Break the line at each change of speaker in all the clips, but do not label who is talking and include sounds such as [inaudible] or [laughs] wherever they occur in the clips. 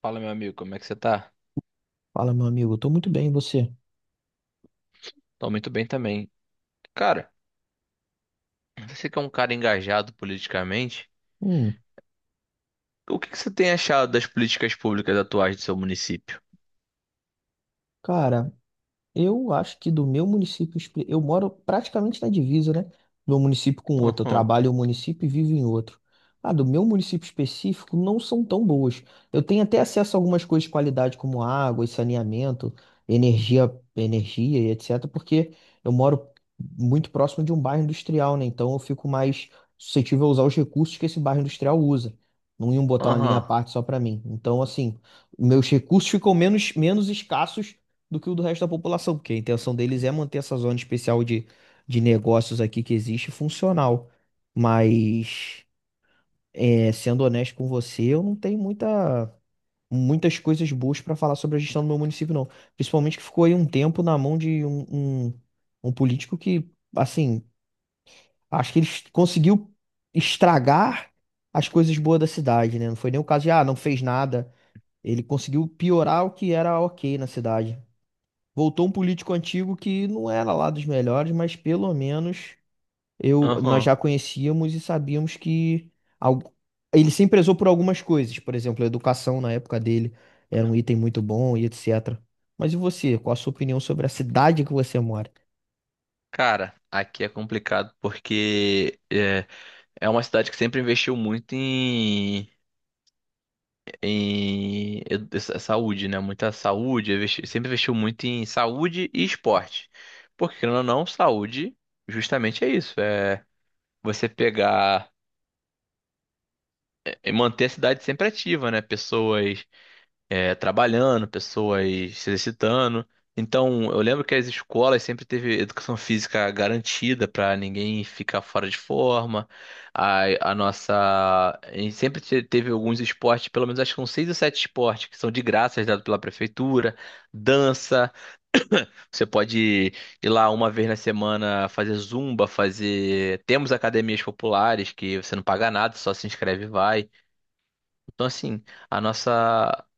Fala, meu amigo, como é que você tá?
Fala, meu amigo, eu tô muito bem, e você?
Tô muito bem também. Cara, você que é um cara engajado politicamente,
Hum.
o que que você tem achado das políticas públicas atuais do seu município?
Cara, eu acho que do meu município, eu moro praticamente na divisa, né? De um município com outro. Eu
Aham,
trabalho em um município e vivo em outro. Ah, do meu município específico não são tão boas. Eu tenho até acesso a algumas coisas de qualidade, como água e saneamento, energia e etc., porque eu moro muito próximo de um bairro industrial, né? Então eu fico mais suscetível a usar os recursos que esse bairro industrial usa. Não iam botar uma linha à
aham,
parte só para mim. Então, assim, meus recursos ficam menos escassos do que o do resto da população, porque a intenção deles é manter essa zona especial de negócios aqui que existe funcional. Mas, é, sendo honesto com você, eu não tenho muitas coisas boas para falar sobre a gestão do meu município, não. Principalmente que ficou aí um tempo na mão de um, um político que, assim, acho que ele conseguiu estragar as coisas boas da cidade, né? Não foi nem o caso de, ah, não fez nada. Ele conseguiu piorar o que era ok na cidade. Voltou um político antigo que não era lá dos melhores, mas pelo menos eu, nós
aham.
já conhecíamos e sabíamos que algu- ele se prezou por algumas coisas. Por exemplo, a educação na época dele era um item muito bom e etc. Mas e você? Qual a sua opinião sobre a cidade que você mora?
Cara, aqui é complicado porque é uma cidade que sempre investiu muito em saúde, né? Muita saúde, sempre investiu muito em saúde e esporte. Porque, querendo ou não, saúde justamente é isso, é você pegar e manter a cidade sempre ativa, né? Pessoas trabalhando, pessoas se exercitando. Então, eu lembro que as escolas sempre teve educação física garantida para ninguém ficar fora de forma. A nossa. A gente sempre teve alguns esportes, pelo menos acho que são seis ou sete esportes que são de graça, dados pela prefeitura. Dança, você pode ir lá uma vez na semana fazer zumba, fazer. Temos academias populares que você não paga nada, só se inscreve e vai. Então, assim, a nossa,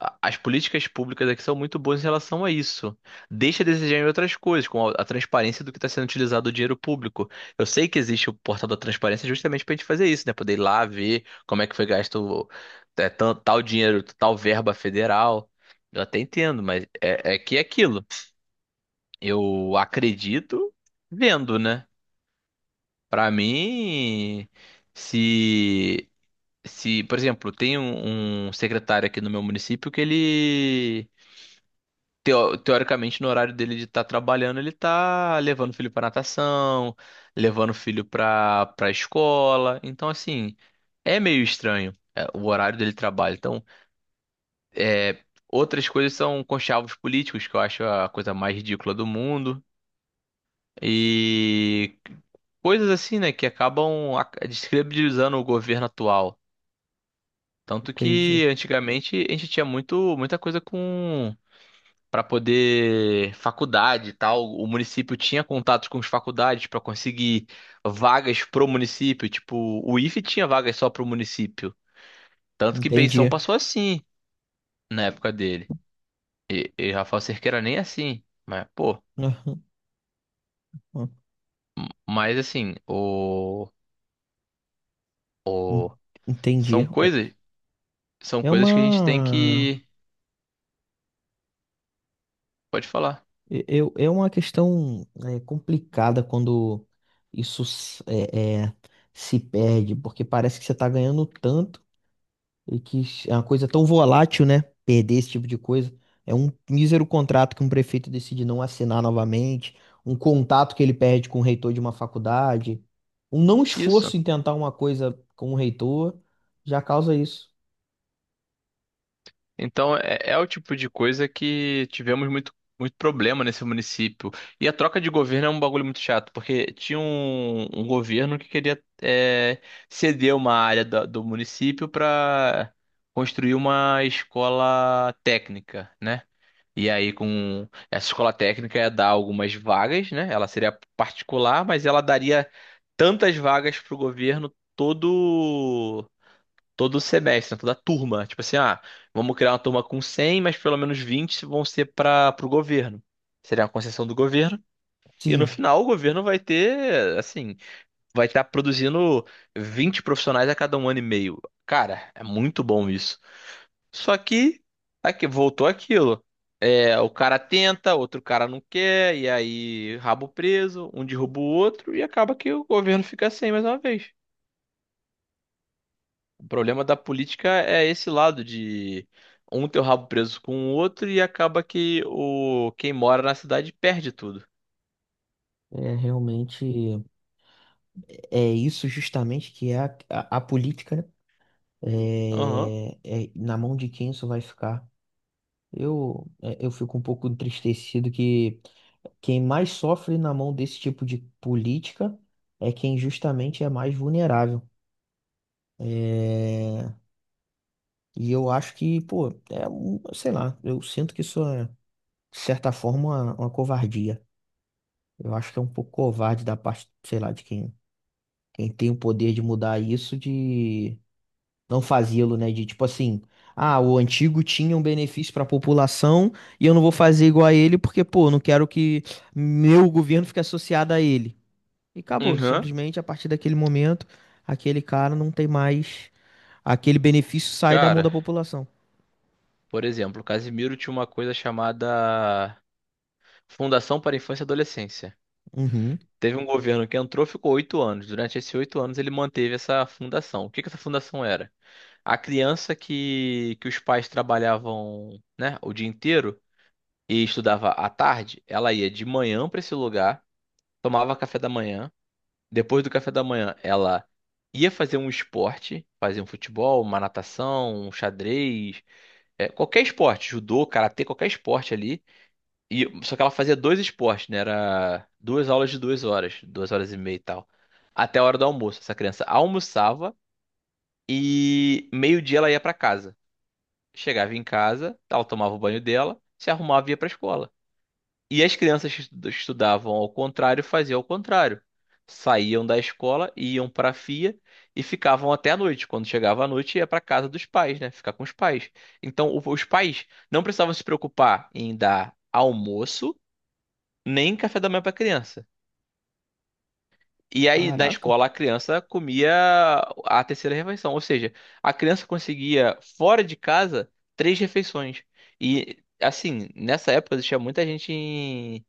as políticas públicas aqui são muito boas em relação a isso. Deixa a desejar em outras coisas, como a transparência do que está sendo utilizado o dinheiro público. Eu sei que existe o portal da transparência justamente para a gente fazer isso, né? Poder ir lá ver como é que foi gasto tal dinheiro, tal verba federal. Eu até entendo, mas é que é aquilo. Eu acredito vendo, né? Para mim, se se, por exemplo, tem um secretário aqui no meu município que ele, teoricamente, no horário dele de estar trabalhando, ele tá levando o filho para natação, levando o filho para escola. Então, assim, é meio estranho o horário dele de trabalho. Então, é, outras coisas são conchavos políticos, que eu acho a coisa mais ridícula do mundo. E coisas assim, né, que acabam descredibilizando o governo atual. Tanto
Entendi.
que antigamente a gente tinha muito, muita coisa com para poder faculdade e tal. O município tinha contatos com as faculdades para conseguir vagas pro município. Tipo, o IFE tinha vagas só pro município. Tanto que Beição
Entendi.
passou assim na época dele. E Rafael Cerqueira nem assim. Mas, pô,
[laughs] Aham.
mas assim,
En-
o,
Entendi.
são
É
coisas, são
é
coisas que a gente tem
uma.
que. Pode falar.
Eu, é uma questão complicada quando isso se perde, porque parece que você está ganhando tanto e que é uma coisa tão volátil, né? Perder esse tipo de coisa. É um mísero contrato que um prefeito decide não assinar novamente, um contato que ele perde com o reitor de uma faculdade, um não
Isso.
esforço em tentar uma coisa com o reitor já causa isso.
Então, é, é o tipo de coisa que tivemos muito, muito problema nesse município. E a troca de governo é um bagulho muito chato, porque tinha um governo que queria ceder uma área do município para construir uma escola técnica, né? E aí, com essa escola técnica ia dar algumas vagas, né? Ela seria particular, mas ela daria tantas vagas para o governo todo semestre, né, toda turma. Tipo assim, ah, vamos criar uma turma com 100, mas pelo menos 20 vão ser para o governo. Seria uma concessão do governo. E no
Sim,
final o governo vai ter, assim, vai estar produzindo 20 profissionais a cada 1 ano e meio. Cara, é muito bom isso. Só que aqui voltou aquilo. É, o cara tenta, outro cara não quer, e aí rabo preso, um derruba o outro e acaba que o governo fica sem mais uma vez. O problema da política é esse lado de um ter o rabo preso com o outro e acaba que o quem mora na cidade perde tudo.
é realmente é isso justamente que é a política, né?
Aham.
É, na mão de quem isso vai ficar? Eu fico um pouco entristecido que quem mais sofre na mão desse tipo de política é quem justamente é mais vulnerável. É, e eu acho que, pô, é, sei lá, eu sinto que isso é, de certa forma, uma covardia. Eu acho que é um pouco covarde da parte, sei lá, de quem tem o poder de mudar isso não fazê-lo, né? De tipo assim, ah, o antigo tinha um benefício para a população e eu não vou fazer igual a ele porque, pô, não quero que meu governo fique associado a ele. E acabou,
Aham.
simplesmente a partir daquele momento, aquele cara não tem mais, aquele benefício sai da mão
Cara,
da população.
por exemplo, o Casimiro tinha uma coisa chamada Fundação para a Infância e Adolescência.
Uhum.
Teve um governo que entrou, ficou 8 anos. Durante esses 8 anos, ele manteve essa fundação. O que que essa fundação era? A criança que os pais trabalhavam, né, o dia inteiro e estudava à tarde, ela ia de manhã para esse lugar. Tomava café da manhã. Depois do café da manhã, ela ia fazer um esporte, fazia um futebol, uma natação, um xadrez, é, qualquer esporte, judô, karatê, qualquer esporte ali. E só que ela fazia dois esportes, né? Era duas aulas de 2 horas, 2 horas e meia e tal, até a hora do almoço. Essa criança almoçava e meio-dia ela ia pra casa. Chegava em casa, ela tomava o banho dela, se arrumava e ia pra escola. E as crianças que estudavam ao contrário faziam ao contrário. Saíam da escola, iam para a FIA e ficavam até a noite. Quando chegava a noite, ia para casa dos pais, né? Ficar com os pais. Então, os pais não precisavam se preocupar em dar almoço nem café da manhã para a criança. E aí, na
Caraca,
escola, a criança comia a terceira refeição. Ou seja, a criança conseguia, fora de casa, três refeições. E, assim, nessa época existia muita gente em,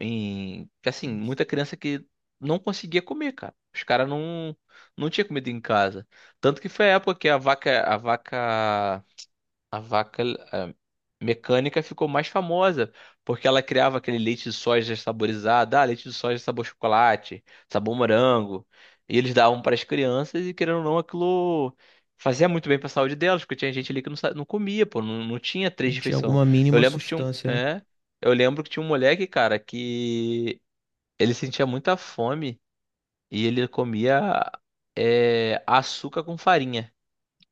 que, assim, muita criança que não conseguia comer, cara. Os caras não, tinha comida em casa. Tanto que foi a época que a vaca mecânica ficou mais famosa, porque ela criava aquele leite de soja saborizado, ah, leite de soja sabor chocolate, sabor morango, e eles davam para as crianças e querendo ou não, aquilo fazia muito bem para a saúde delas, porque tinha gente ali que não comia, pô, não tinha
não
três
tinha
refeições.
alguma
Eu
mínima
lembro que tinha
sustância, né?
é, um moleque, cara, que ele sentia muita fome e ele comia açúcar com farinha.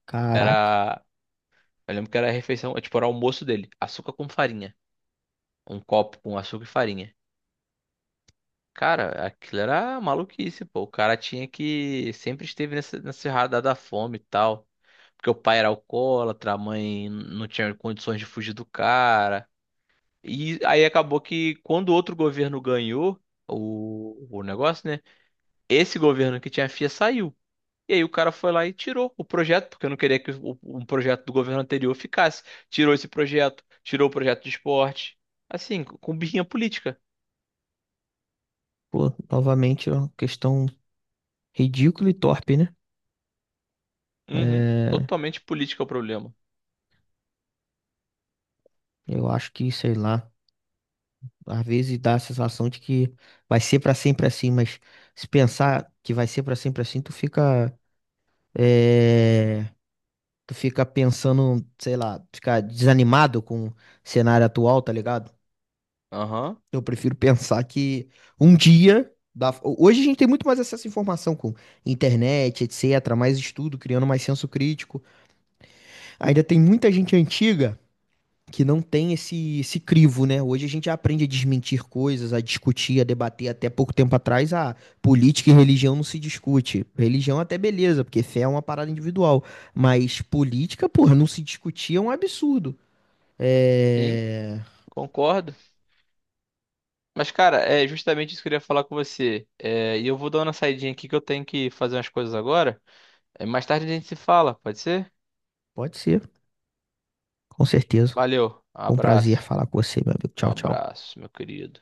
Caraca.
Era Eu lembro que era a refeição, tipo, era o almoço dele. Açúcar com farinha. Um copo com açúcar e farinha. Cara, aquilo era maluquice, pô. O cara tinha que. Sempre esteve nessa radar da fome e tal. Porque o pai era alcoólatra, a mãe não tinha condições de fugir do cara. E aí acabou que quando outro governo ganhou o negócio, né? Esse governo que tinha a FIA saiu. E aí o cara foi lá e tirou o projeto, porque eu não queria que um projeto do governo anterior ficasse. Tirou esse projeto, tirou o projeto de esporte. Assim, com birrinha política.
Pô, novamente é uma questão ridícula e torpe, né?
Uhum.
É,
Totalmente política o problema.
eu acho que, sei lá. Às vezes dá a sensação de que vai ser pra sempre assim, mas se pensar que vai ser pra sempre assim, é, tu fica pensando, sei lá, fica desanimado com o cenário atual, tá ligado?
Aham.
Eu prefiro [laughs] pensar que um dia. Hoje a gente tem muito mais acesso à informação com internet, etc., mais estudo, criando mais senso crítico. Ainda tem muita gente antiga que não tem esse crivo, né? Hoje a gente aprende a desmentir coisas, a discutir, a debater. Até pouco tempo atrás, a política e religião não se discute. Religião até beleza, porque fé é uma parada individual. Mas política, porra, não se discutir é um absurdo.
Sim,
É...
concordo. Mas, cara, é justamente isso que eu queria falar com você. É, e eu vou dar uma saidinha aqui que eu tenho que fazer umas coisas agora. É, mais tarde a gente se fala, pode ser?
Pode ser, com certeza.
Valeu,
Foi um prazer
abraço.
falar com você, meu amigo. Tchau, tchau.
Abraço, meu querido.